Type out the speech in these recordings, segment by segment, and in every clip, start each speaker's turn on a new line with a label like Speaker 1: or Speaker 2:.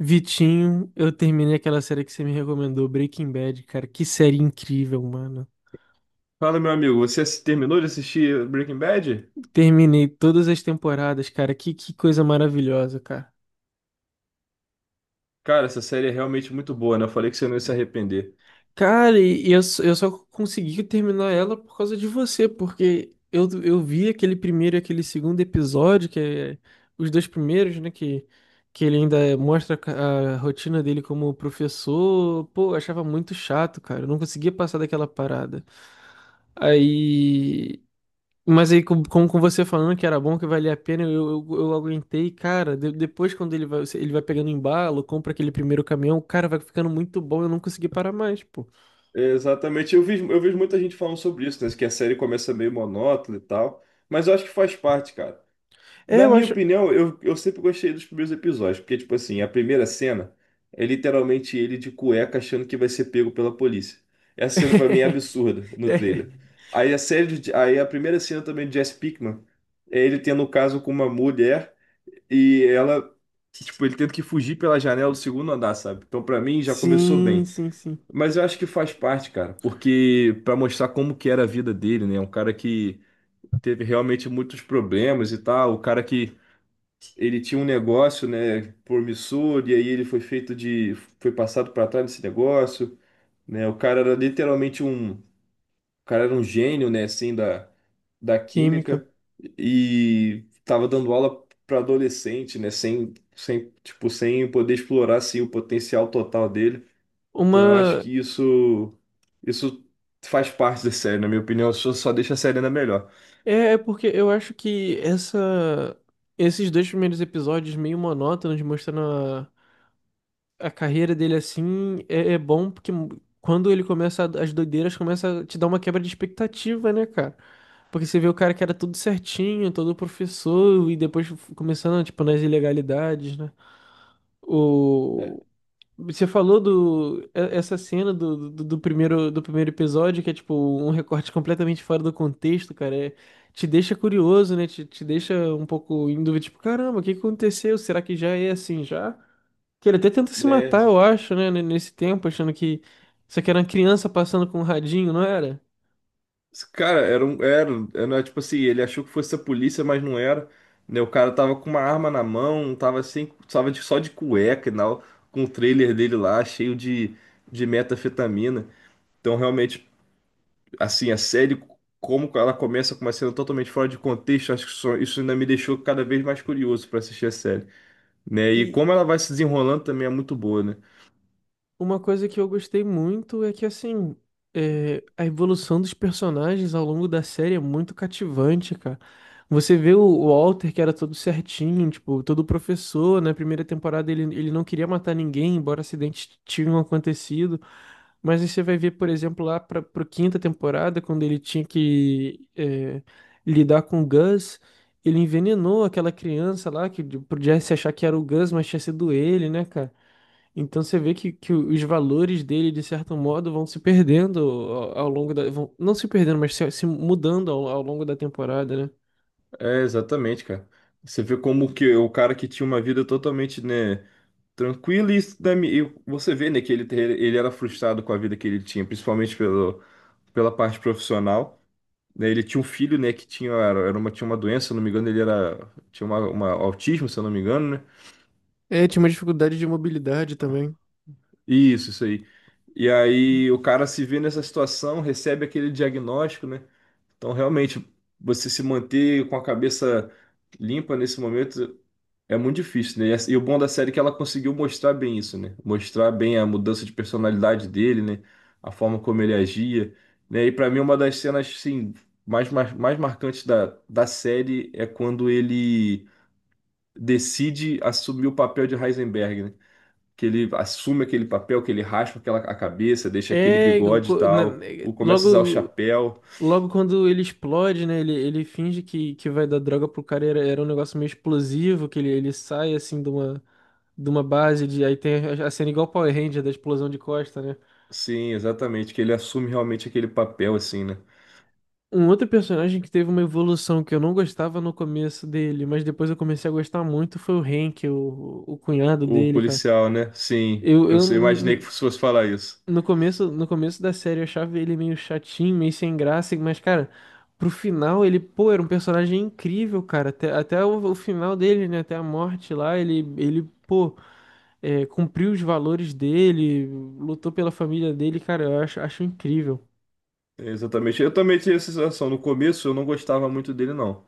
Speaker 1: Vitinho, eu terminei aquela série que você me recomendou, Breaking Bad, cara. Que série incrível, mano.
Speaker 2: Fala, meu amigo, terminou de assistir Breaking Bad?
Speaker 1: Terminei todas as temporadas, cara. Que coisa maravilhosa, cara.
Speaker 2: Cara, essa série é realmente muito boa, né? Eu falei que você não ia se arrepender.
Speaker 1: Cara, eu só consegui terminar ela por causa de você, porque eu vi aquele primeiro e aquele segundo episódio, que é os dois primeiros, né? Que ele ainda mostra a rotina dele como professor. Pô, eu achava muito chato, cara. Eu não conseguia passar daquela parada. Aí. Mas aí, como com você falando que era bom, que valia a pena, eu aguentei, cara. Depois, quando ele vai pegando embalo, compra aquele primeiro caminhão, cara, vai ficando muito bom, eu não consegui parar mais, pô.
Speaker 2: É, exatamente, eu vi, eu vejo muita gente falando sobre isso, né? Que a série começa meio monótona e tal, mas eu acho que faz parte, cara.
Speaker 1: É,
Speaker 2: Na
Speaker 1: eu
Speaker 2: minha
Speaker 1: acho.
Speaker 2: opinião, eu sempre gostei dos primeiros episódios, porque, tipo assim, a primeira cena é literalmente ele de cueca achando que vai ser pego pela polícia. Essa cena pra mim é absurda no
Speaker 1: É.
Speaker 2: trailer. Aí a primeira cena também de Jesse Pinkman é ele tendo um caso com uma mulher. E ela, tipo, ele tendo que fugir pela janela do segundo andar, sabe? Então, pra mim, já começou
Speaker 1: Sim,
Speaker 2: bem.
Speaker 1: sim, sim.
Speaker 2: Mas eu acho que faz parte, cara, porque pra mostrar como que era a vida dele, né? Um cara que teve realmente muitos problemas e tal, o cara que ele tinha um negócio, né, promissor e aí ele foi feito de foi passado pra trás desse negócio, né? O cara era um gênio, né, assim, da, da
Speaker 1: Química.
Speaker 2: química e tava dando aula para adolescente, né, sem, tipo, sem poder explorar, assim, o potencial total dele. Então eu acho
Speaker 1: Uma.
Speaker 2: que isso faz parte da série, na minha opinião, só deixa a série ainda melhor.
Speaker 1: É, é porque eu acho que essa. Esses dois primeiros episódios meio monótonos, mostrando a carreira dele assim é, é bom porque quando ele as doideiras começa a te dar uma quebra de expectativa, né, cara? Porque você vê o cara que era tudo certinho, todo professor e depois começando tipo nas ilegalidades, né?
Speaker 2: É,
Speaker 1: O você falou essa cena do primeiro do primeiro episódio, que é tipo um recorte completamente fora do contexto, cara, te deixa curioso, né? Te deixa um pouco em dúvida, tipo, caramba, o que aconteceu? Será que já é assim já? Que ele até tenta se
Speaker 2: né?
Speaker 1: matar, eu acho, né? Nesse tempo, achando que isso aqui era uma criança passando com um radinho, não era?
Speaker 2: Cara, era um. Era, era tipo assim, ele achou que fosse a polícia, mas não era. Né? O cara tava com uma arma na mão, tava assim, só de cueca e tal, com o trailer dele lá, cheio de metafetamina. Então, realmente, assim, a série, como ela começa com uma cena totalmente fora de contexto, isso ainda me deixou cada vez mais curioso pra assistir a série. Né? E
Speaker 1: E,
Speaker 2: como ela vai se desenrolando também é muito boa, né?
Speaker 1: Uma coisa que eu gostei muito é que, assim, é, a evolução dos personagens ao longo da série é muito cativante, cara. Você vê o Walter, que era todo certinho, tipo, todo professor, na primeira temporada ele não queria matar ninguém, embora acidentes tinham acontecido. Mas aí você vai ver, por exemplo, lá para a quinta temporada, quando ele tinha que é, lidar com o Gus, ele envenenou aquela criança lá, que podia se achar que era o Gus, mas tinha sido ele, né, cara? Então você vê que os valores dele, de certo modo, vão se perdendo ao, ao longo da. Vão, não se perdendo, mas se mudando ao longo da temporada, né?
Speaker 2: É, exatamente, cara. Você vê como que o cara que tinha uma vida totalmente, né? Tranquilo e e você vê, né, que ele era frustrado com a vida que ele tinha, principalmente pelo, pela parte profissional, né? Ele tinha um filho, né, que tinha, tinha uma doença, se eu não me engano, ele era, tinha uma autismo, se eu não me engano, né,
Speaker 1: É, tinha uma dificuldade de mobilidade também.
Speaker 2: isso aí, e aí o cara se vê nessa situação, recebe aquele diagnóstico, né, então realmente, você se manter com a cabeça limpa nesse momento é muito difícil, né? E e o bom da série é que ela conseguiu mostrar bem isso, né? Mostrar bem a mudança de personalidade dele, né? A forma como ele agia, né? E pra mim uma das cenas, assim, mais marcantes da, da série é quando ele decide assumir o papel de Heisenberg, né? Que ele assume aquele papel, que ele raspa a cabeça, deixa aquele
Speaker 1: É,
Speaker 2: bigode e tal, ou começa a usar o
Speaker 1: logo,
Speaker 2: chapéu.
Speaker 1: logo quando ele explode, né? Ele finge que vai dar droga pro cara, era, era um negócio meio explosivo, que ele sai assim de uma base de. Aí tem a cena igual Power Ranger da explosão de costa, né?
Speaker 2: Sim, exatamente, que ele assume realmente aquele papel, assim, né?
Speaker 1: Um outro personagem que teve uma evolução que eu não gostava no começo dele, mas depois eu comecei a gostar muito foi o Hank, o cunhado
Speaker 2: O
Speaker 1: dele, cara.
Speaker 2: policial, né? Sim,
Speaker 1: Eu, eu
Speaker 2: imaginei que
Speaker 1: n-
Speaker 2: fosse falar isso.
Speaker 1: no começo, no começo da série eu achava ele meio chatinho, meio sem graça, mas cara, pro final ele, pô, era um personagem incrível, cara. Até, o final dele, né, até a morte lá, ele, pô, é, cumpriu os valores dele, lutou pela família dele, cara, eu acho, acho incrível.
Speaker 2: É, exatamente. Eu também tinha essa sensação. No começo eu não gostava muito dele, não.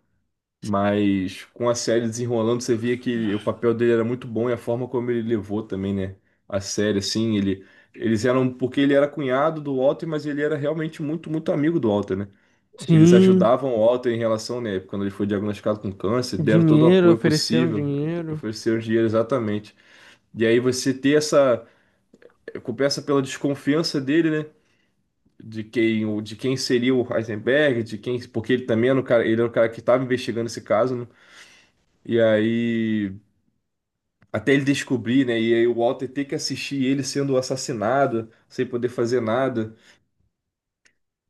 Speaker 2: Mas com a série desenrolando, você via que o papel dele era muito bom e a forma como ele levou também, né? A série, assim, ele. Eles eram. Porque ele era cunhado do Walter, mas ele era realmente muito, muito amigo do Walter, né? Eles
Speaker 1: Sim,
Speaker 2: ajudavam o Walter em relação, né? Quando ele foi diagnosticado com câncer, deram todo o
Speaker 1: dinheiro,
Speaker 2: apoio
Speaker 1: ofereceram
Speaker 2: possível,
Speaker 1: dinheiro.
Speaker 2: ofereceram dinheiro, exatamente. E aí você ter essa. Começa pela desconfiança dele, né? De quem seria o Heisenberg, de quem, porque ele também era o cara, ele era o cara que estava investigando esse caso, né? E aí, até ele descobrir, né? E aí o Walter ter que assistir ele sendo assassinado, sem poder fazer nada,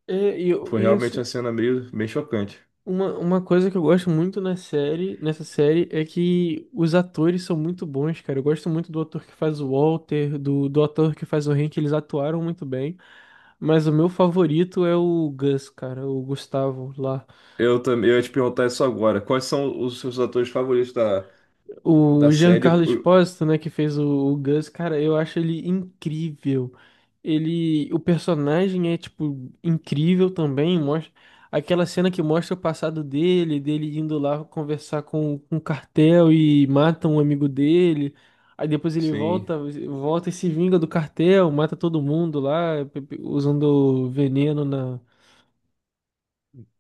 Speaker 1: É, e, eu-
Speaker 2: foi
Speaker 1: e
Speaker 2: realmente uma
Speaker 1: assim,
Speaker 2: cena meio, meio chocante.
Speaker 1: uma coisa que eu gosto muito na série, nessa série é que os atores são muito bons, cara. Eu gosto muito do ator que faz o Walter, do ator que faz o Hank, eles atuaram muito bem. Mas o meu favorito é o Gus, cara, o Gustavo lá.
Speaker 2: Eu também, eu ia te perguntar isso agora. Quais são os seus atores favoritos da, da
Speaker 1: O
Speaker 2: série?
Speaker 1: Giancarlo Espósito, né, que fez o Gus, cara, eu acho ele incrível. Ele, o personagem é tipo incrível também, mostra aquela cena que mostra o passado dele, dele indo lá conversar com o cartel e mata um amigo dele. Aí depois ele
Speaker 2: Sim.
Speaker 1: volta, volta e se vinga do cartel, mata todo mundo lá, usando veneno na,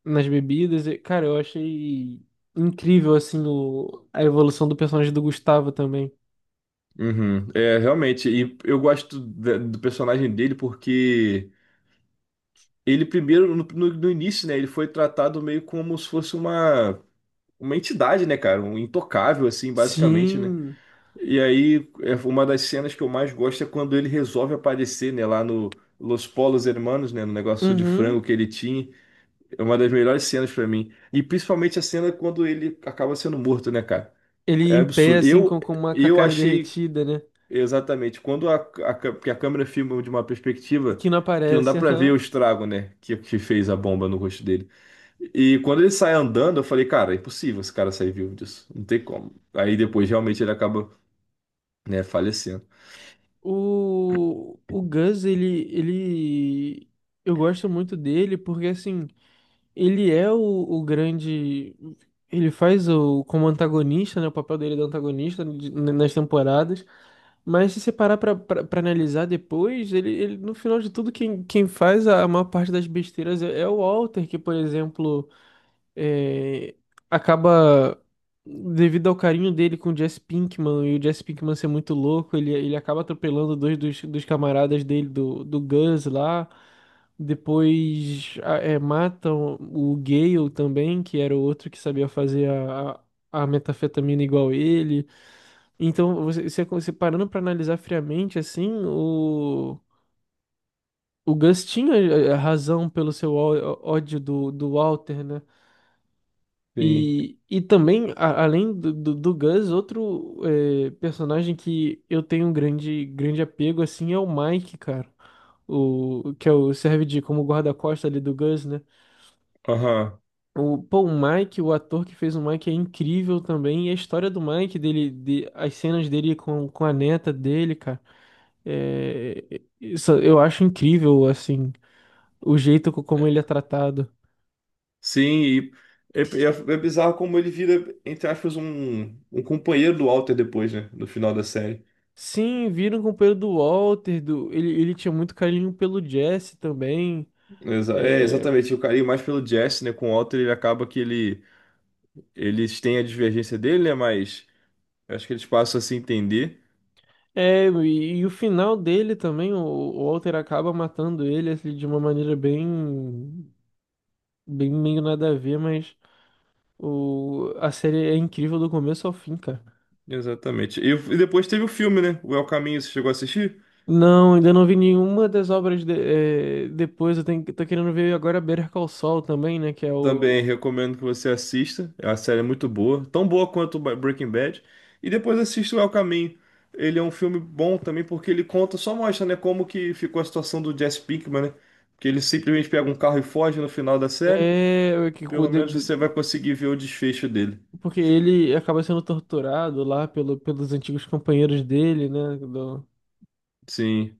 Speaker 1: nas bebidas. E, cara, eu achei incrível assim o, a evolução do personagem do Gustavo também.
Speaker 2: Uhum. É, realmente, e eu gosto do personagem dele porque ele primeiro, no início, né, ele foi tratado meio como se fosse uma entidade, né, cara? Um intocável, assim, basicamente, né?
Speaker 1: Sim.
Speaker 2: E aí, é uma das cenas que eu mais gosto é quando ele resolve aparecer, né, lá no Los Polos Hermanos, né, no negócio de frango
Speaker 1: Uhum.
Speaker 2: que ele tinha. É uma das melhores cenas pra mim. E principalmente a cena quando ele acaba sendo morto, né, cara?
Speaker 1: Ele
Speaker 2: É
Speaker 1: em pé,
Speaker 2: absurdo.
Speaker 1: assim, com uma com a
Speaker 2: Eu
Speaker 1: cara
Speaker 2: achei
Speaker 1: derretida, né?
Speaker 2: Exatamente. Quando porque a câmera filma de uma perspectiva
Speaker 1: Que não
Speaker 2: que não dá
Speaker 1: aparece.
Speaker 2: pra ver
Speaker 1: Aham.
Speaker 2: o estrago, né? Que fez a bomba no rosto dele. E quando ele sai andando, eu falei, cara, é impossível esse cara sair vivo disso. Não tem como. Aí depois realmente ele acaba, né, falecendo.
Speaker 1: O Gus, ele, ele. Eu gosto muito dele porque, assim, ele é o grande. Ele faz o como antagonista, né? O papel dele é de antagonista nas temporadas. Mas se você parar pra analisar depois, ele, no final de tudo, quem, quem faz a maior parte das besteiras é, é o Walter, que, por exemplo. É, acaba, devido ao carinho dele com o Jesse Pinkman e o Jesse Pinkman ser muito louco, ele acaba atropelando dois dos camaradas dele, do Gus lá. Depois é, matam o Gale também, que era o outro que sabia fazer a metafetamina igual ele. Então, você parando pra analisar friamente, assim, o Gus tinha eh, razão pelo seu ódio do Walter, né?
Speaker 2: Sim.
Speaker 1: E também, além do Gus, outro eh, personagem que eu tenho um grande, grande apego, assim, é o Mike, cara. O, que é o, serve de como guarda-costas ali do Gus, né?
Speaker 2: Aham.
Speaker 1: O, pô, o Mike, o ator que fez o Mike é incrível também. E a história do Mike, dele, de, as cenas dele com a neta dele, cara. É, isso eu acho incrível, assim, o jeito como ele é tratado.
Speaker 2: Sim, e é, é bizarro como ele vira, entre aspas, um companheiro do Walter depois, né? No final da série.
Speaker 1: Sim, viram com o pelo do Walter, do... Ele tinha muito carinho pelo Jesse também.
Speaker 2: É,
Speaker 1: É,
Speaker 2: exatamente. O carinho mais pelo Jesse, né? Com o Walter, ele acaba que ele. Eles têm a divergência dele, né? Mas. Eu acho que eles passam a se entender.
Speaker 1: é e o final dele também, o Walter acaba matando ele assim, de uma maneira bem, bem meio nada a ver, mas o, a série é incrível do começo ao fim, cara.
Speaker 2: Exatamente. E depois teve o filme, né? O El Caminho, você chegou a assistir?
Speaker 1: Não, ainda não vi nenhuma das obras é, depois. Eu tenho, tô querendo ver agora Better Call Saul também, né? Que é
Speaker 2: Também
Speaker 1: o.
Speaker 2: recomendo que você assista. É uma série, é muito boa, tão boa quanto Breaking Bad. E depois assista o El Caminho. Ele é um filme bom também porque ele conta, só mostra, né, como que ficou a situação do Jesse Pinkman, né? Que ele simplesmente pega um carro e foge no final da série.
Speaker 1: É, que, cu-
Speaker 2: Pelo menos você vai
Speaker 1: de-
Speaker 2: conseguir ver o desfecho dele.
Speaker 1: porque ele acaba sendo torturado lá pelo, pelos antigos companheiros dele, né?
Speaker 2: Sim,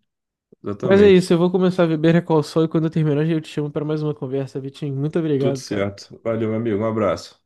Speaker 1: Mas é isso,
Speaker 2: exatamente.
Speaker 1: eu vou começar a beber Recall Sol e quando eu terminar eu te chamo para mais uma conversa, Vitinho. Muito
Speaker 2: Tudo
Speaker 1: obrigado, cara.
Speaker 2: certo. Valeu, meu amigo. Um abraço.